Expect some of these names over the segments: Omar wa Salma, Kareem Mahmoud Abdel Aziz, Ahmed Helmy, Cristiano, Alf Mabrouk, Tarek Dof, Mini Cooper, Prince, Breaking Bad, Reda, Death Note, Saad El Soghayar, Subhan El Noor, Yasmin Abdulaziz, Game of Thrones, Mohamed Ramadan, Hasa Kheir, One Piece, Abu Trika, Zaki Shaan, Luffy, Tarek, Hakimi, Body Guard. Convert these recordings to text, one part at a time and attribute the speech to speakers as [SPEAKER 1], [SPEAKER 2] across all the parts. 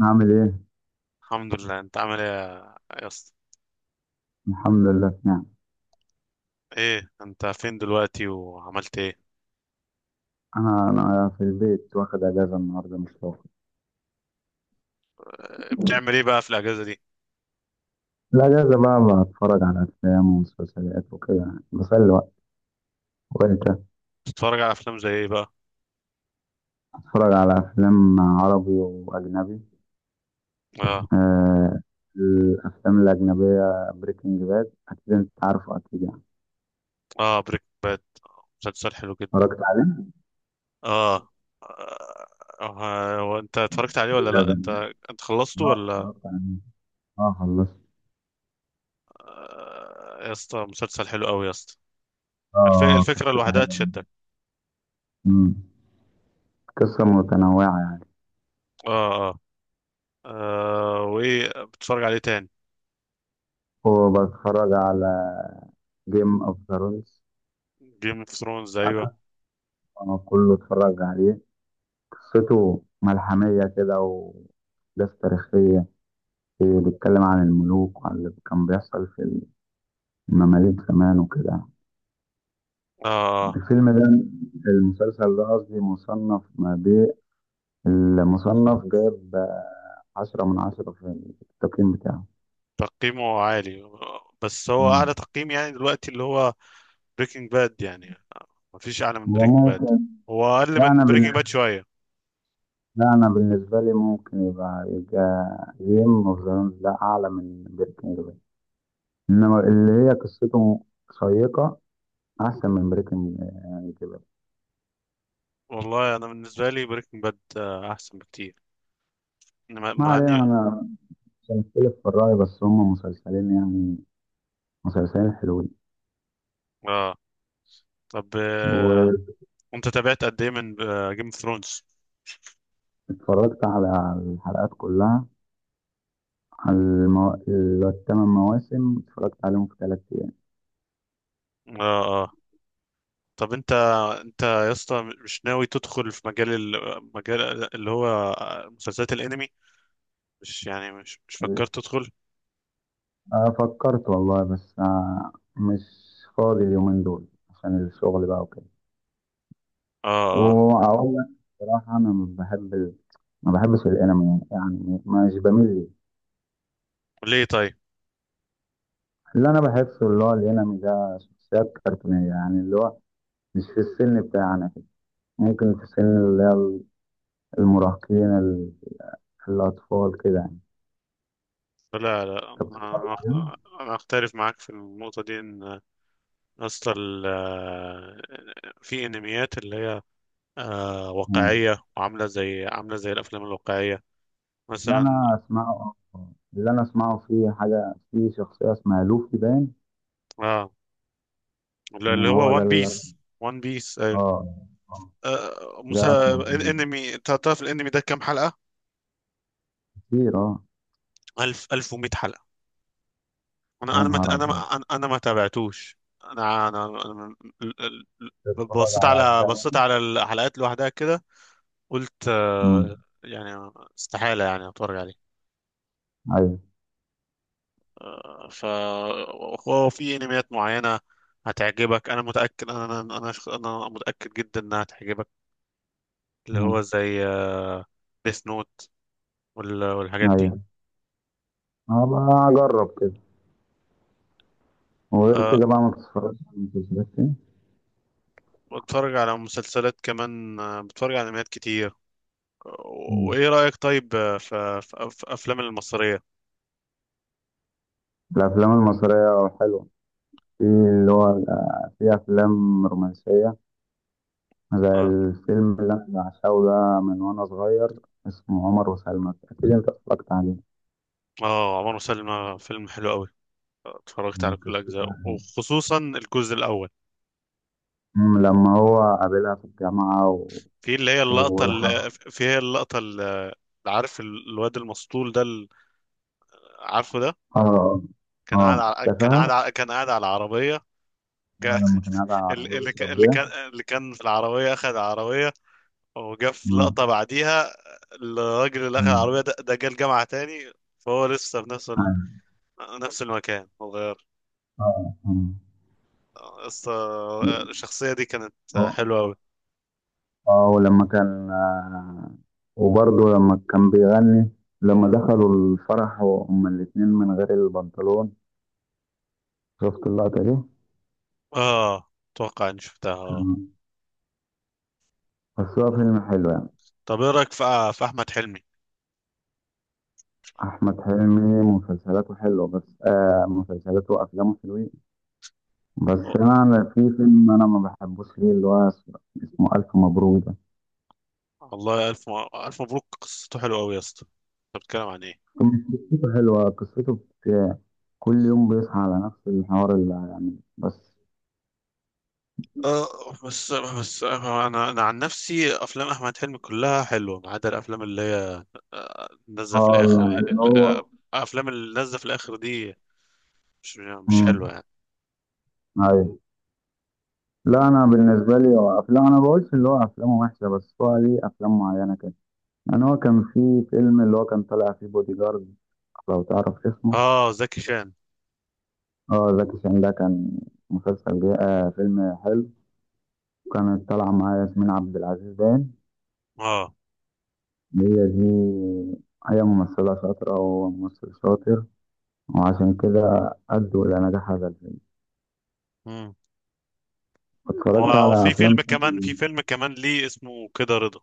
[SPEAKER 1] عامل ايه؟
[SPEAKER 2] الحمد لله. انت عامل ايه يا يا اسطى؟
[SPEAKER 1] الحمد لله، في نعم.
[SPEAKER 2] ايه انت فين دلوقتي وعملت ايه؟
[SPEAKER 1] انا في البيت واخد اجازه النهارده، مش فاضي.
[SPEAKER 2] اه، بتعمل ايه بقى في الاجازه دي؟
[SPEAKER 1] الاجازه بقى بتفرج على افلام ومسلسلات وكده، يعني بسلي وقت. وانت؟
[SPEAKER 2] بتتفرج على افلام زي ايه بقى؟
[SPEAKER 1] بتفرج على افلام عربي واجنبي.
[SPEAKER 2] اه.
[SPEAKER 1] آه. الافلام الاجنبيه بريكنج باد، اكيد انت عارفه، اكيد يعني.
[SPEAKER 2] اه بريك باد مسلسل حلو جدا.
[SPEAKER 1] اتفرجت عليه؟
[SPEAKER 2] اه. اه، اه، هو انت اتفرجت عليه ولا
[SPEAKER 1] ده
[SPEAKER 2] لا
[SPEAKER 1] ده
[SPEAKER 2] انت انت خلصته
[SPEAKER 1] اه،
[SPEAKER 2] ولا؟
[SPEAKER 1] اتفرجت عليه. اه، خلصت.
[SPEAKER 2] اه، يا اسطى مسلسل حلو قوي يا اسطى.
[SPEAKER 1] اه،
[SPEAKER 2] الفكره
[SPEAKER 1] قصته
[SPEAKER 2] لوحدها
[SPEAKER 1] حلوه.
[SPEAKER 2] تشدك.
[SPEAKER 1] مم. قصه متنوعه يعني.
[SPEAKER 2] اه اه. اه، وايه بتتفرج عليه تاني؟
[SPEAKER 1] وبتفرج على جيم اوف ثرونز.
[SPEAKER 2] جيم اوف ثرونز، ايوه.
[SPEAKER 1] آه، كله اتفرج عليه. قصته ملحمية كده، وأحداث تاريخية. إيه، بيتكلم عن الملوك وعن اللي كان بيحصل في المماليك زمان وكده.
[SPEAKER 2] اه.
[SPEAKER 1] الفيلم ده، المسلسل ده قصدي، مصنف ما بين، المصنف جايب 10 من 10 في التقييم بتاعه.
[SPEAKER 2] تقييمه عالي، بس هو اعلى
[SPEAKER 1] مم.
[SPEAKER 2] تقييم يعني دلوقتي اللي هو بريكنج باد يعني؟ مفيش اعلى من
[SPEAKER 1] هو
[SPEAKER 2] بريكنج باد.
[SPEAKER 1] ممكن.
[SPEAKER 2] هو اقل
[SPEAKER 1] لا أنا
[SPEAKER 2] من بريكنج باد
[SPEAKER 1] بالنسبة
[SPEAKER 2] شويه.
[SPEAKER 1] لا، أنا بالنسبة لي ممكن يبقى جيم أوف ثرونز لا أعلى من بريكنج باد، إنما اللي هي قصته شيقة، احسن من بريكنج يعني كده.
[SPEAKER 2] والله انا بالنسبه لي بريكنج باد احسن بكتير. مع
[SPEAKER 1] ما
[SPEAKER 2] مع
[SPEAKER 1] علينا،
[SPEAKER 2] اني
[SPEAKER 1] انا مش هنختلف في الرأي، بس هم مسلسلين يعني، مسلسلين حلوين.
[SPEAKER 2] اه. طب آه.
[SPEAKER 1] واتفرجت
[SPEAKER 2] انت تابعت قد ايه من جيم اوف ثرونز؟
[SPEAKER 1] على الحلقات كلها، على الـ8 مواسم، اتفرجت عليهم في 3 ايام.
[SPEAKER 2] اه اه. طب انت يا اسطى مش ناوي تدخل في مجال المجال اللي هو مسلسلات الانمي؟ مش يعني مش فكرت تدخل؟
[SPEAKER 1] آه، فكرت والله، بس مش فاضي اليومين دول عشان الشغل بقى وكده.
[SPEAKER 2] اه اه.
[SPEAKER 1] واقول لك بصراحة، انا ما بحبش الانمي، يعني مش بميل ليه.
[SPEAKER 2] ليه طيب؟
[SPEAKER 1] اللي انا بحسه، اللي هو الانمي ده شخصيات كرتونية، يعني اللي هو مش في السن بتاعنا كده. ممكن في سن اللي هي المراهقين، الأطفال كده يعني.
[SPEAKER 2] لا لا
[SPEAKER 1] أنت بتتفرج عليهم؟
[SPEAKER 2] أنا اختلف معاك في النقطه دي، ان اصلا في انميات اللي هي
[SPEAKER 1] يعني
[SPEAKER 2] واقعيه وعامله زي الافلام الواقعيه
[SPEAKER 1] اللي
[SPEAKER 2] مثلا.
[SPEAKER 1] أنا أسمعه اللي أنا أسمعه في حاجة، في شخصية اسمها لوفي باين.
[SPEAKER 2] اه اللي
[SPEAKER 1] مم، هو
[SPEAKER 2] هو
[SPEAKER 1] ده
[SPEAKER 2] وان
[SPEAKER 1] اللي،
[SPEAKER 2] بيس. وان بيس ايوه.
[SPEAKER 1] آه. آه. ده أسمع عنه
[SPEAKER 2] انمي، تعرف الانمي ده كام حلقه؟
[SPEAKER 1] كتير، آه.
[SPEAKER 2] 1000 1100 حلقه.
[SPEAKER 1] يا
[SPEAKER 2] انا انا ما
[SPEAKER 1] نهار
[SPEAKER 2] انا ما
[SPEAKER 1] أبيض.
[SPEAKER 2] انا أنا ما تابعتوش. انا انا أنا- ال- ال- ال-
[SPEAKER 1] بتتفرج
[SPEAKER 2] بصيت
[SPEAKER 1] على
[SPEAKER 2] على
[SPEAKER 1] أجزاء
[SPEAKER 2] بصيت
[SPEAKER 1] منه؟
[SPEAKER 2] على الحلقات لوحدها كده. قلت
[SPEAKER 1] مم.
[SPEAKER 2] آه، يعني استحالة يعني اتفرج عليه.
[SPEAKER 1] أيوه.
[SPEAKER 2] آه، ف هو في انميات معينة هتعجبك. انا متأكد، أنا متأكد جدا انها هتعجبك، اللي هو
[SPEAKER 1] مم.
[SPEAKER 2] زي ديث نوت والحاجات دي.
[SPEAKER 1] أيوه، هبقى أجرب كده. وغير
[SPEAKER 2] آه،
[SPEAKER 1] كده بقى ما بتتفرجش على المسلسلات كده؟
[SPEAKER 2] بتفرج على مسلسلات كمان، بتفرج على انميات كتير. وايه رأيك طيب في في افلام المصرية؟
[SPEAKER 1] الأفلام المصرية حلوة. في اللي هو في أفلام رومانسية، زي
[SPEAKER 2] اه.
[SPEAKER 1] الفيلم اللي أنا بعشقه ده من وأنا صغير. اسمه عمر وسلمى، أكيد أنت اتفرجت عليه.
[SPEAKER 2] اه عمر وسلمى فيلم حلو قوي، اتفرجت على
[SPEAKER 1] مم،
[SPEAKER 2] كل
[SPEAKER 1] قصته
[SPEAKER 2] اجزاء
[SPEAKER 1] عن إيه؟
[SPEAKER 2] وخصوصا الجزء الاول.
[SPEAKER 1] مم، لما هو قابلها في الجامعة
[SPEAKER 2] في اللي هي اللقطة اللي
[SPEAKER 1] آه.
[SPEAKER 2] في هي اللقطة اللي، عارف الواد المسطول عارفه ده؟
[SPEAKER 1] آه.
[SPEAKER 2] كان قاعد
[SPEAKER 1] آه،
[SPEAKER 2] على كان قاعد
[SPEAKER 1] تفاهة.
[SPEAKER 2] على كان قاعد على العربية. جا-
[SPEAKER 1] آه، لما كان قاعد على
[SPEAKER 2] ال-
[SPEAKER 1] العربية
[SPEAKER 2] اللي كان
[SPEAKER 1] بيشرب
[SPEAKER 2] اللي
[SPEAKER 1] بيها.
[SPEAKER 2] كان اللي كان في العربية أخذ العربية، وجا في
[SPEAKER 1] آه.
[SPEAKER 2] لقطة بعديها. الراجل اللي أخذ العربية
[SPEAKER 1] مم.
[SPEAKER 2] ده جه الجامعة تاني، فهو لسه في
[SPEAKER 1] أيوة.
[SPEAKER 2] نفس المكان، متغير
[SPEAKER 1] آه.
[SPEAKER 2] بس. الشخصية دي كانت
[SPEAKER 1] آه.
[SPEAKER 2] حلوة أوي.
[SPEAKER 1] اه، ولما كان، وبرضه لما كان بيغني، لما دخلوا الفرح وهما الاتنين من غير البنطلون. شفت اللقطة دي؟
[SPEAKER 2] آه، أتوقع إني شفتها آه
[SPEAKER 1] كان- بس
[SPEAKER 2] آه.
[SPEAKER 1] هو
[SPEAKER 2] آه.
[SPEAKER 1] فيلم حلو يعني.
[SPEAKER 2] طب إيه رأيك في أحمد حلمي؟
[SPEAKER 1] أحمد حلمي مسلسلاته حلوة، بس مسلسلاته وأفلامه حلوين. بس أنا في فيلم أنا ما بحبوش ليه، اللي هو اسمه، اسمه ألف مبروك ده.
[SPEAKER 2] والله ألف مبروك قصته حلوة أوي يا اسطى. أنت بتتكلم عن إيه؟
[SPEAKER 1] فيلم قصته حلوة، قصته بت- كل يوم بيصحى على نفس الحوار، اللي يعني بس.
[SPEAKER 2] أه بس أنا عن نفسي أفلام أحمد حلمي كلها حلوة، ما عدا الأفلام اللي هي نازلة في الآخر
[SPEAKER 1] اه،
[SPEAKER 2] دي
[SPEAKER 1] اللي
[SPEAKER 2] ال-
[SPEAKER 1] هو.
[SPEAKER 2] آه، الأفلام اللي نازلة في الآخر دي مش حلوة
[SPEAKER 1] مم.
[SPEAKER 2] يعني.
[SPEAKER 1] أيوه. لا، انا بالنسبه لي هو افلام، انا بقولش اللي هو افلامه وحشه، بس هو ليه افلام معينه كده يعني. هو كان في فيلم اللي هو كان طالع فيه بودي جارد، لو تعرف اسمه.
[SPEAKER 2] آه زكي شان.
[SPEAKER 1] اه، زكي شان. ده كان مسلسل جاي، فيلم حلو. كانت طالعه معاه ياسمين عبد العزيز باين.
[SPEAKER 2] آه.
[SPEAKER 1] هي دي، هي ممثله شاطره وهو ممثل شاطر، وعشان كده ادوا الى نجاح هذا الفيلم.
[SPEAKER 2] مم.
[SPEAKER 1] اتفرجت
[SPEAKER 2] هو
[SPEAKER 1] على
[SPEAKER 2] في
[SPEAKER 1] افلام
[SPEAKER 2] فيلم كمان، في
[SPEAKER 1] تاني.
[SPEAKER 2] فيلم كمان ليه، اسمه كده رضا.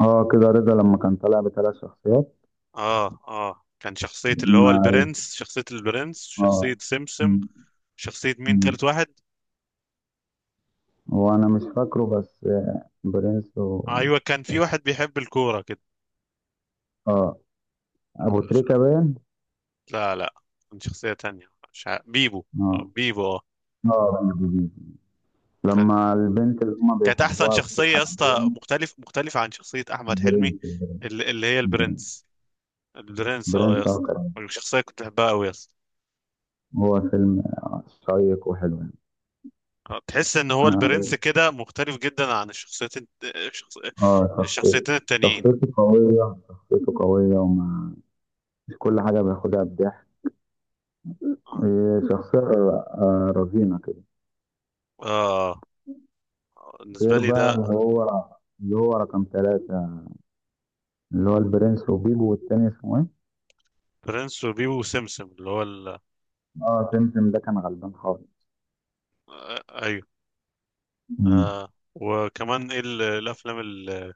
[SPEAKER 1] اه، كده رضا. لما كان طالع بـ3 شخصيات.
[SPEAKER 2] آه آه كان شخصية اللي هو
[SPEAKER 1] لما
[SPEAKER 2] البرنس، شخصية
[SPEAKER 1] اه
[SPEAKER 2] سمسم، شخصية مين تالت واحد؟
[SPEAKER 1] هو انا مش فاكره، بس برنس
[SPEAKER 2] أيوة كان في واحد بيحب الكورة كده.
[SPEAKER 1] اه. ابو تريكة باين.
[SPEAKER 2] لا لا، كان شخصية تانية مش عارف. بيبو.
[SPEAKER 1] اه.
[SPEAKER 2] آه، بيبو اه.
[SPEAKER 1] اه، بني جديد،
[SPEAKER 2] كان،
[SPEAKER 1] لما البنت اللي هما
[SPEAKER 2] كانت أحسن
[SPEAKER 1] بيحبوها
[SPEAKER 2] شخصية يا
[SPEAKER 1] بتضحك
[SPEAKER 2] اسطى،
[SPEAKER 1] عليهم.
[SPEAKER 2] مختلفة عن شخصية أحمد حلمي.
[SPEAKER 1] برنس برنس.
[SPEAKER 2] اللي هي
[SPEAKER 1] برنس.
[SPEAKER 2] البرنس. البرنس اه يا
[SPEAKER 1] برنس، آه،
[SPEAKER 2] اسطى،
[SPEAKER 1] كان.
[SPEAKER 2] الشخصية كنت بحبها أوي يا اسطى.
[SPEAKER 1] هو فيلم آه، شيق وحلو يعني.
[SPEAKER 2] آه، تحس إن هو البرنس
[SPEAKER 1] اه.
[SPEAKER 2] كده مختلف جدا عن
[SPEAKER 1] آه، شخصيته،
[SPEAKER 2] الشخصيتين التانيين.
[SPEAKER 1] شخصيته قوية مش كل حاجة بياخدها بضحك.
[SPEAKER 2] اه.
[SPEAKER 1] إيه، شخصية رزينة كده.
[SPEAKER 2] آه. بالنسبة
[SPEAKER 1] غير
[SPEAKER 2] لي
[SPEAKER 1] بقى
[SPEAKER 2] ده.
[SPEAKER 1] اللي هو، اللي هو رقم 3، اللي هو البرنس وبيبو والتاني اسمه إيه؟
[SPEAKER 2] برنس وبيبو وسمسم اللي هو ال...
[SPEAKER 1] اه، تمتم ده كان غلبان خالص.
[SPEAKER 2] آه، أيوه.
[SPEAKER 1] مم.
[SPEAKER 2] آه. وكمان ايه الأفلام اللي,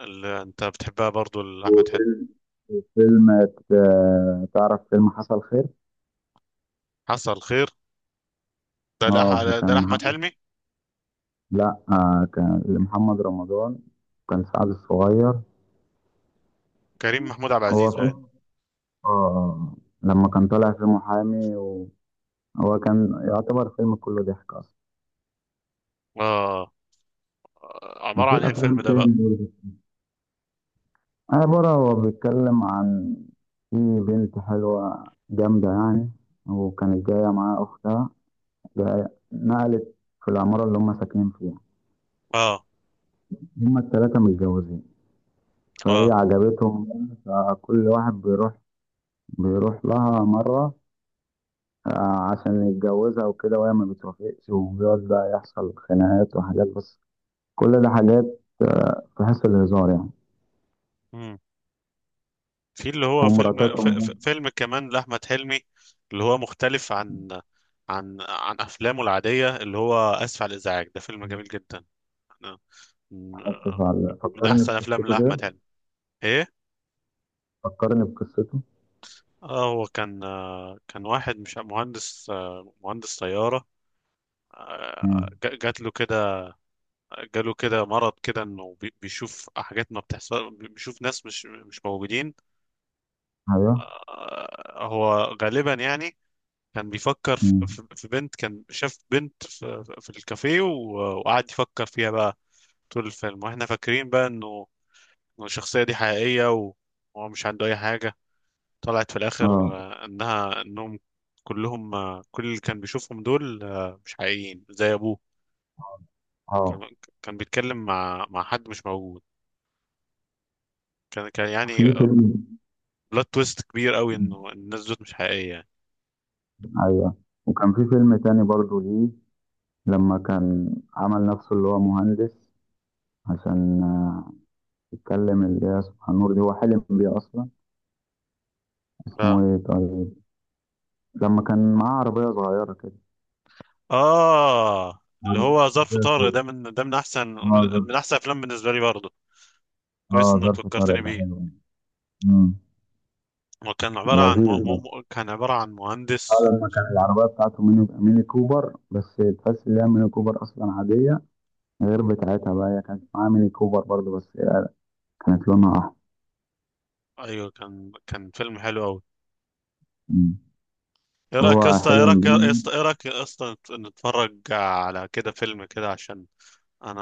[SPEAKER 2] اللي أنت بتحبها برضو لأحمد حلمي؟
[SPEAKER 1] وفيلم، فيلم، آه، تعرف فيلم حصل خير؟
[SPEAKER 2] حصل خير.
[SPEAKER 1] اه،
[SPEAKER 2] ده
[SPEAKER 1] كان
[SPEAKER 2] لأحمد
[SPEAKER 1] محمد،
[SPEAKER 2] حلمي.
[SPEAKER 1] لا، كان محمد رمضان، كان سعد الصغير.
[SPEAKER 2] كريم محمود عبد
[SPEAKER 1] هو
[SPEAKER 2] العزيز باين.
[SPEAKER 1] فيلم، اه، لما كان طالع في محامي، وهو كان يعتبر فيلم كله ضحك اصلا.
[SPEAKER 2] آه. عبارة عن
[SPEAKER 1] وفي
[SPEAKER 2] إيه
[SPEAKER 1] افلام
[SPEAKER 2] الفيلم ده
[SPEAKER 1] تاني
[SPEAKER 2] بقى؟
[SPEAKER 1] برضه. عبارة هو بيتكلم عن، في بنت حلوة جامدة يعني، وكانت جاية معاها أختها نقلت في العمارة اللي هم ساكنين فيها.
[SPEAKER 2] آه
[SPEAKER 1] هم التلاتة متجوزين، فهي
[SPEAKER 2] آه.
[SPEAKER 1] عجبتهم. بقى، فكل واحد بيروح، بيروح لها مرة عشان يتجوزها وكده، وهي ما بتوافقش، وبيقعد بقى يحصل خناقات وحاجات. بس كل ده حاجات في حس الهزار يعني.
[SPEAKER 2] مم. في اللي هو
[SPEAKER 1] ومراتاتهم.
[SPEAKER 2] فيلم كمان لأحمد حلمي، اللي هو مختلف عن عن أفلامه العادية، اللي هو آسف على الإزعاج. ده فيلم جميل جدا، أنا- من
[SPEAKER 1] آسف على،
[SPEAKER 2] من
[SPEAKER 1] فكرني
[SPEAKER 2] أحسن
[SPEAKER 1] في
[SPEAKER 2] أفلام
[SPEAKER 1] قصته كده،
[SPEAKER 2] لأحمد حلمي. إيه.
[SPEAKER 1] فكرني بقصته.
[SPEAKER 2] آه، هو كان آه، كان واحد مش مهندس، آه، مهندس طيارة. آه،
[SPEAKER 1] مم.
[SPEAKER 2] جات له كده، جاله كده مرض كده، انه بيشوف حاجات ما بتحصل، بيشوف ناس مش موجودين.
[SPEAKER 1] ايوه.
[SPEAKER 2] آه، هو غالبا يعني كان بيفكر في
[SPEAKER 1] مم.
[SPEAKER 2] في بنت، كان شاف بنت في الكافيه، وقعد يفكر فيها بقى طول الفيلم، واحنا فاكرين بقى إنه الشخصية دي حقيقية، وهو مش عنده اي حاجة. طلعت في الاخر
[SPEAKER 1] اه.
[SPEAKER 2] آه، انهم كلهم آه، كل اللي كان بيشوفهم دول آه، مش حقيقيين، زي ابوه.
[SPEAKER 1] اه.
[SPEAKER 2] كان، كان بيتكلم مع حد مش موجود. كان، كان يعني
[SPEAKER 1] في فيلم.
[SPEAKER 2] بلوت تويست كبير قوي، انه الناس دول مش حقيقيه يعني.
[SPEAKER 1] ايوه، وكان في فيلم تاني برضو ليه، لما كان عمل نفسه اللي هو مهندس عشان يتكلم اللي هي سبحان النور دي، هو حلم بيه أصلا. اسمه
[SPEAKER 2] اه
[SPEAKER 1] إيه طيب؟ لما كان معاه عربية صغيرة كده.
[SPEAKER 2] اه. اللي هو ظرف
[SPEAKER 1] عربية
[SPEAKER 2] طارق،
[SPEAKER 1] سوري،
[SPEAKER 2] ده من احسن،
[SPEAKER 1] اه، ظرف.
[SPEAKER 2] من احسن افلام بالنسبه لي برضه. كويس
[SPEAKER 1] اه،
[SPEAKER 2] انك
[SPEAKER 1] ظرف طارق
[SPEAKER 2] فكرتني
[SPEAKER 1] ده
[SPEAKER 2] بيه.
[SPEAKER 1] حلو. أمم.
[SPEAKER 2] هو كان عباره عن
[SPEAKER 1] لذيذ ده.
[SPEAKER 2] كان عباره عن
[SPEAKER 1] اه،
[SPEAKER 2] مهندس.
[SPEAKER 1] لما كان العربية بتاعته ميني كوبر، بس تحس إن هي ميني كوبر أصلا عادية، غير بتاعتها بقى. هي كانت معاه ميني كوبر برضه، بس كانت لونها أحمر.
[SPEAKER 2] ايوه كان، كان فيلم حلو قوي.
[SPEAKER 1] أمم.
[SPEAKER 2] ايه رايك يا
[SPEAKER 1] هو
[SPEAKER 2] اسطى،
[SPEAKER 1] حلم بيه.
[SPEAKER 2] نتفرج على كده فيلم كده؟ عشان انا،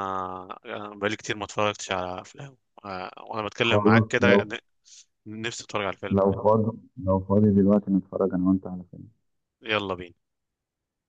[SPEAKER 2] بقالي كتير ما اتفرجتش على افلام، آه، وانا بتكلم معاك
[SPEAKER 1] خلاص.
[SPEAKER 2] كده نفسي اتفرج على الفيلم
[SPEAKER 1] لو
[SPEAKER 2] يعني.
[SPEAKER 1] فاضي لو فاضي دلوقتي نتفرج انا وانت على فيلم.
[SPEAKER 2] يلا بينا.